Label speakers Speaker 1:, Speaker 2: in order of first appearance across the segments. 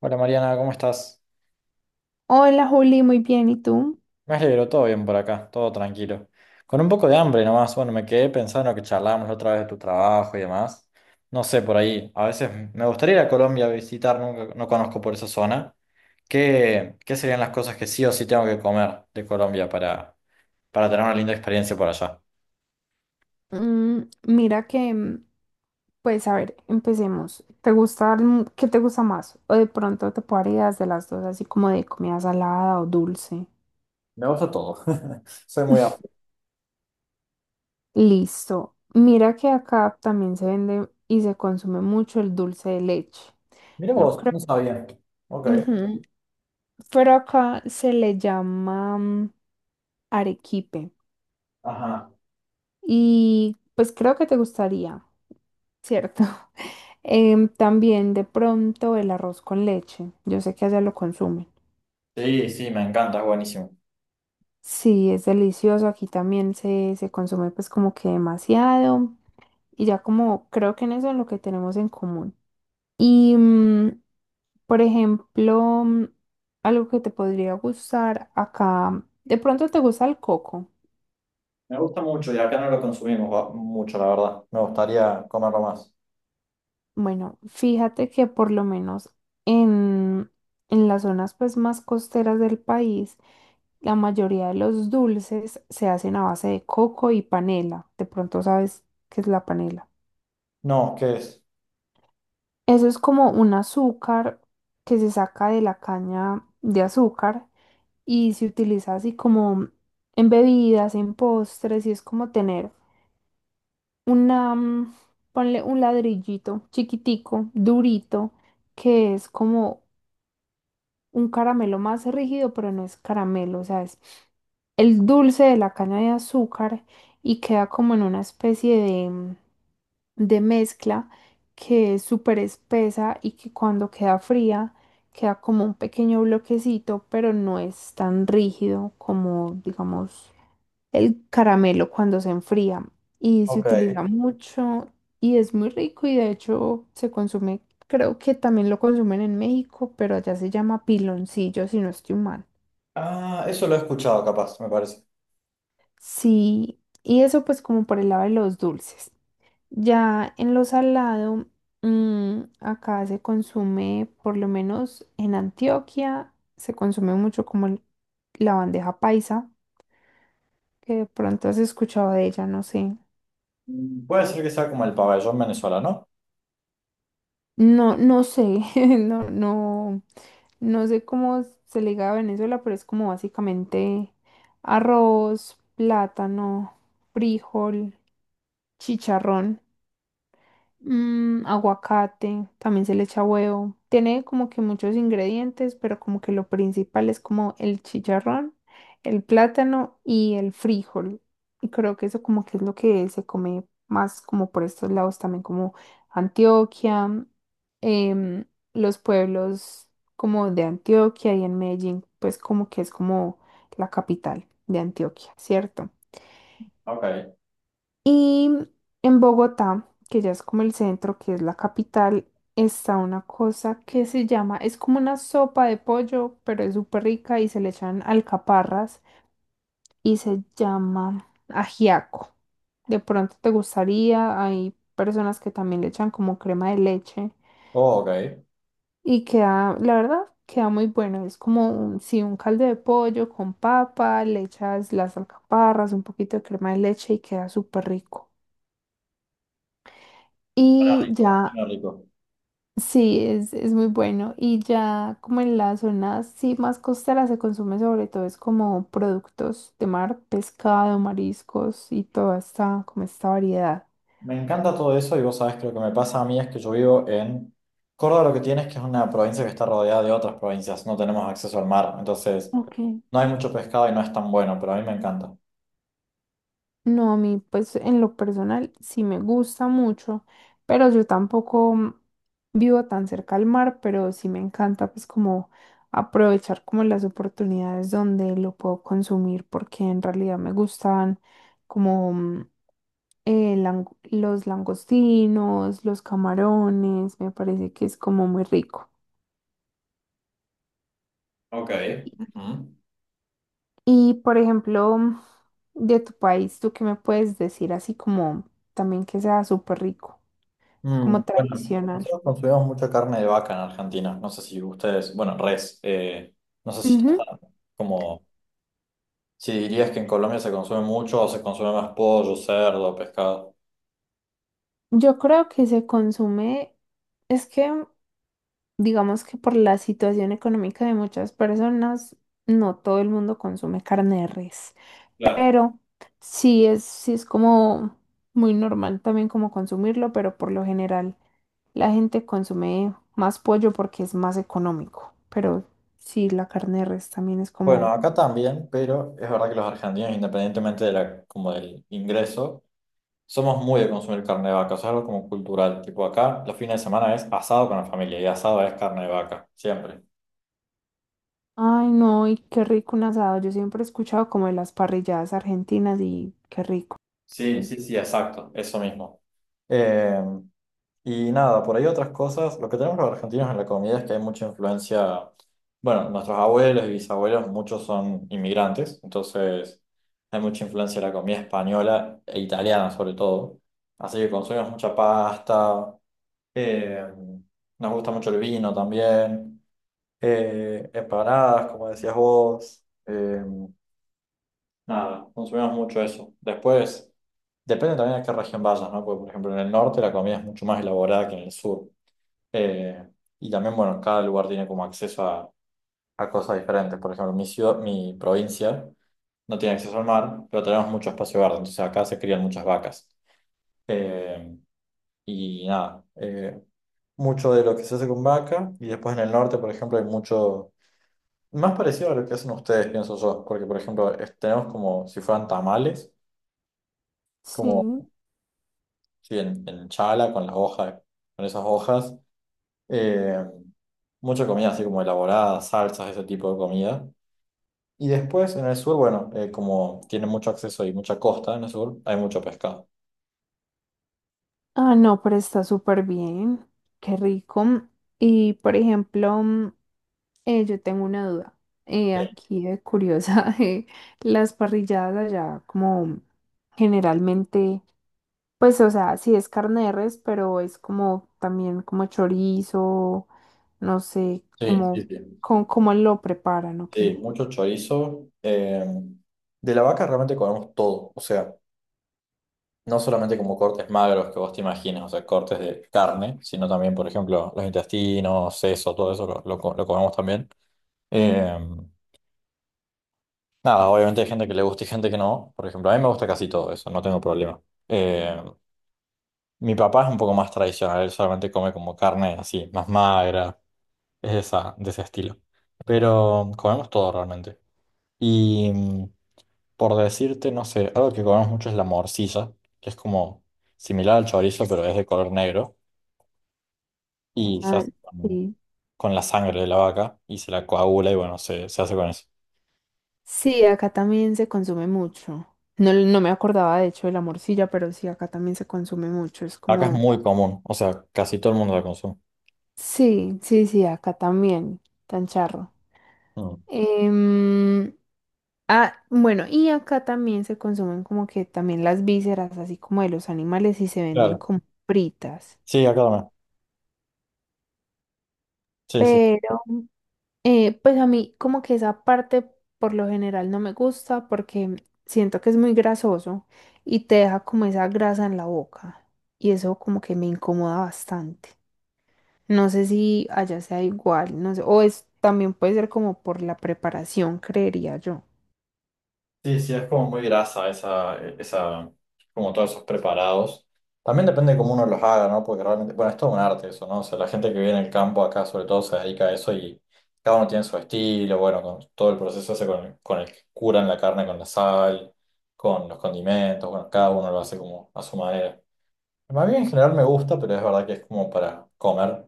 Speaker 1: Hola Mariana, ¿cómo estás?
Speaker 2: Hola Juli, muy bien, ¿y tú?
Speaker 1: Me alegro, todo bien por acá, todo tranquilo. Con un poco de hambre nomás, bueno, me quedé pensando que charlamos la otra vez de tu trabajo y demás. No sé, por ahí, a veces me gustaría ir a Colombia a visitar, nunca, no conozco por esa zona. ¿Qué serían las cosas que sí o sí tengo que comer de Colombia para tener una linda experiencia por allá?
Speaker 2: Mm, mira que, mm, pues a ver, empecemos. ¿Te gusta, qué te gusta más? O de pronto te puedo dar ideas de las dos, así como de comida salada o dulce.
Speaker 1: Me gusta todo. Soy muy amplio.
Speaker 2: Listo. Mira que acá también se vende y se consume mucho el dulce de leche.
Speaker 1: Mira
Speaker 2: No
Speaker 1: vos,
Speaker 2: creo.
Speaker 1: no sabía. Ok.
Speaker 2: Ujú. Pero acá se le llama arequipe.
Speaker 1: Ajá.
Speaker 2: Y pues creo que te gustaría, ¿cierto? También de pronto el arroz con leche. Yo sé que allá lo consumen.
Speaker 1: Sí, sí, me encanta, es buenísimo.
Speaker 2: Sí, es delicioso. Aquí también se consume pues como que demasiado. Y ya como creo que en eso es lo que tenemos en común. Y por ejemplo, algo que te podría gustar acá. De pronto te gusta el coco.
Speaker 1: Me gusta mucho y acá no lo consumimos mucho, la verdad. Me gustaría comerlo más.
Speaker 2: Bueno, fíjate que por lo menos en, en las zonas pues más costeras del país, la mayoría de los dulces se hacen a base de coco y panela. De pronto sabes qué es la panela.
Speaker 1: No, ¿qué es?
Speaker 2: Eso es como un azúcar que se saca de la caña de azúcar y se utiliza así como en bebidas, en postres, y es como tener una, mm, ponle un ladrillito chiquitico, durito, que es como un caramelo más rígido, pero no es caramelo, o sea, es el dulce de la caña de azúcar y queda como en una especie de mezcla que es súper espesa y que cuando queda fría queda como un pequeño bloquecito, pero no es tan rígido como, digamos, el caramelo cuando se enfría y se
Speaker 1: Ok.
Speaker 2: utiliza mucho y es muy rico y de hecho se consume, creo que también lo consumen en México, pero allá se llama piloncillo si no estoy mal.
Speaker 1: Ah, eso lo he escuchado capaz, me parece.
Speaker 2: Sí, y eso pues como por el lado de los dulces. Ya en lo salado, acá se consume, por lo menos en Antioquia, se consume mucho como la bandeja paisa, que de pronto has escuchado de ella, no sé.
Speaker 1: Mm, puede ser que sea como el pabellón venezolano.
Speaker 2: No, no sé, no, no, no sé cómo se le diga a Venezuela, pero es como básicamente arroz, plátano, frijol, chicharrón. Mm, aguacate, también se le echa huevo. Tiene como que muchos ingredientes, pero como que lo principal es como el chicharrón, el plátano y el frijol. Y creo que eso como que es lo que se come más como por estos lados también, como Antioquia, em, los pueblos como de Antioquia y en Medellín, pues como que es como la capital de Antioquia, ¿cierto?
Speaker 1: Ok.
Speaker 2: Y en Bogotá, que ya es como el centro, que es la capital, está una cosa que se llama, es como una sopa de pollo, pero es súper rica y se le echan alcaparras y se llama ajiaco. De pronto te gustaría, hay personas que también le echan como crema de leche
Speaker 1: Oh, ok.
Speaker 2: y queda, la verdad, queda muy bueno. Es como un, sí, un caldo de pollo con papa, le echas las alcaparras, un poquito de crema de leche y queda súper rico.
Speaker 1: Suena
Speaker 2: Y
Speaker 1: rico.
Speaker 2: ya
Speaker 1: Suena rico.
Speaker 2: sí, es muy bueno. Y ya como en las zonas sí más costeras se consume sobre todo es como productos de mar, pescado, mariscos y toda esta, como esta variedad.
Speaker 1: Me encanta todo eso y vos sabés que lo que me pasa a mí es que yo vivo en Córdoba, lo que tienes que es una provincia que está rodeada de otras provincias. No tenemos acceso al mar, entonces
Speaker 2: Ok.
Speaker 1: no hay mucho pescado y no es tan bueno, pero a mí me encanta.
Speaker 2: No, a mí, pues en lo personal sí me gusta mucho, pero yo tampoco vivo tan cerca al mar, pero sí me encanta pues como aprovechar como las oportunidades donde lo puedo consumir, porque en realidad me gustan como los langostinos, los camarones, me parece que es como muy rico.
Speaker 1: Ok. Ujú.
Speaker 2: Y por ejemplo, de tu país, ¿tú qué me puedes decir así como también que sea súper rico?
Speaker 1: Mm,
Speaker 2: Como
Speaker 1: bueno,
Speaker 2: tradicional.
Speaker 1: nosotros consumimos mucha carne de vaca en Argentina. No sé si ustedes, bueno, res. No sé si está
Speaker 2: Ujú.
Speaker 1: como, si dirías que en Colombia se consume mucho o se consume más pollo, cerdo, pescado.
Speaker 2: Yo creo que se consume, es que digamos que por la situación económica de muchas personas, no todo el mundo consume carne de res,
Speaker 1: Claro.
Speaker 2: pero sí es como muy normal también como consumirlo, pero por lo general la gente consume más pollo porque es más económico, pero sí la carne de res también es
Speaker 1: Bueno,
Speaker 2: como...
Speaker 1: acá también, pero es verdad que los argentinos, independientemente de la, como del ingreso, somos muy de consumir carne de vaca. O sea, es algo como cultural. Tipo acá, los fines de semana es asado con la familia y asado es carne de vaca, siempre.
Speaker 2: Ay, no, y qué rico un asado. Yo siempre he escuchado como de las parrilladas argentinas y qué rico.
Speaker 1: Sí, sí, sí, exacto, eso mismo. Y nada, por ahí otras cosas. Lo que tenemos los argentinos en la comida es que hay mucha influencia. Bueno, nuestros abuelos y bisabuelos, muchos son inmigrantes, entonces hay mucha influencia de la comida española e italiana sobre todo. Así que consumimos mucha pasta, eh, nos gusta mucho el vino también, empanadas, como decías vos. Nada, consumimos mucho eso. Después, depende también de qué región vayas, ¿no? Porque, por ejemplo, en el norte la comida es mucho más elaborada que en el sur. Eh, y también, bueno, cada lugar tiene como acceso a cosas diferentes. Por ejemplo, mi ciudad, mi provincia no tiene acceso al mar, pero tenemos mucho espacio verde, entonces acá se crían muchas vacas. Eh, y nada, mucho de lo que se hace con vaca, y después en el norte, por ejemplo, hay mucho, más parecido a lo que hacen ustedes, pienso yo, porque por ejemplo, tenemos como si fueran tamales, como
Speaker 2: Sí.
Speaker 1: sí, en chala, con las hojas, con esas hojas, eh, mucha comida así como elaborada, salsas, ese tipo de comida. Y después en el sur, bueno, como tiene mucho acceso y mucha costa en el sur, hay mucho pescado.
Speaker 2: Ah, no, pero está súper bien. Qué rico. Y por ejemplo, yo tengo una duda. Aquí de curiosa, las parrilladas allá, como generalmente, pues, o sea, sí es carne de res, pero es como también como chorizo, no sé,
Speaker 1: Sí, sí, sí. Sí,
Speaker 2: como, cómo lo preparan, ¿o
Speaker 1: sí,
Speaker 2: qué?
Speaker 1: mucho chorizo. De la vaca realmente comemos todo. O sea, no solamente como cortes magros que vos te imaginas, o sea, cortes de carne, sino también, por ejemplo, los intestinos, seso, todo eso lo, lo comemos también. Eh, Nada, obviamente hay gente que le gusta y gente que no. Por ejemplo, a mí me gusta casi todo eso, no tengo problema. Eh, Mi papá es un poco más tradicional, él solamente come como carne así, más magra. Es de, esa, de ese estilo. Pero comemos todo realmente. Y mm, por decirte, no sé, algo que comemos mucho es la morcilla, que es como similar al chorizo, pero es de color negro. Y se
Speaker 2: Ah,
Speaker 1: hace
Speaker 2: sí.
Speaker 1: con la sangre de la vaca y se la coagula y bueno, se hace con eso.
Speaker 2: Sí, acá también se consume mucho. No, no me acordaba de hecho de la morcilla, pero sí, acá también se consume mucho. Es
Speaker 1: Acá es
Speaker 2: como,
Speaker 1: muy común, o sea, casi todo el mundo la consume.
Speaker 2: sí, sí, sí, acá también, tan charro.
Speaker 1: Mm.
Speaker 2: Em, ah, bueno, y acá también se consumen como que también las vísceras, así como de los animales, y se venden
Speaker 1: Claro.
Speaker 2: como fritas.
Speaker 1: Sí, acá también. Sí, sí.
Speaker 2: Pero pues a mí como que esa parte por lo general no me gusta porque siento que es muy grasoso y te deja como esa grasa en la boca y eso como que me incomoda bastante. No sé si allá sea igual, no sé, o es también puede ser como por la preparación, creería yo.
Speaker 1: Sí, sí, es como muy grasa esa, como todos esos preparados. También depende de cómo uno los haga, ¿no? Porque realmente, bueno, es todo un arte eso, ¿no? O sea, la gente que vive en el campo acá sobre todo se dedica a eso y cada uno tiene su estilo, bueno, con todo el proceso ese con el que curan la carne con la sal, con los condimentos, bueno, cada uno lo hace como a su manera. Más bien en general me gusta, pero es verdad que es como para comer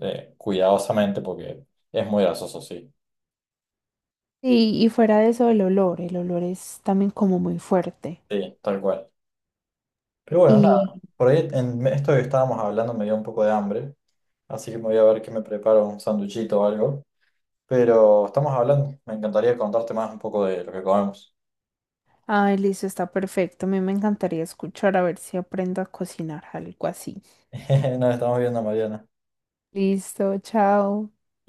Speaker 1: cuidadosamente porque es muy grasoso, sí.
Speaker 2: Y fuera de eso el olor es también como muy fuerte.
Speaker 1: Sí, tal cual. Pero bueno, nada,
Speaker 2: Y,
Speaker 1: por ahí en esto que estábamos hablando me dio un poco de hambre, así que me voy a ver qué me preparo, un sanduchito o algo. Pero estamos hablando, me encantaría contarte más un poco de lo que comemos.
Speaker 2: ay, listo, está perfecto. A mí me encantaría escuchar a ver si aprendo a cocinar algo así.
Speaker 1: Nos estamos viendo, Mariana.
Speaker 2: Listo, chao.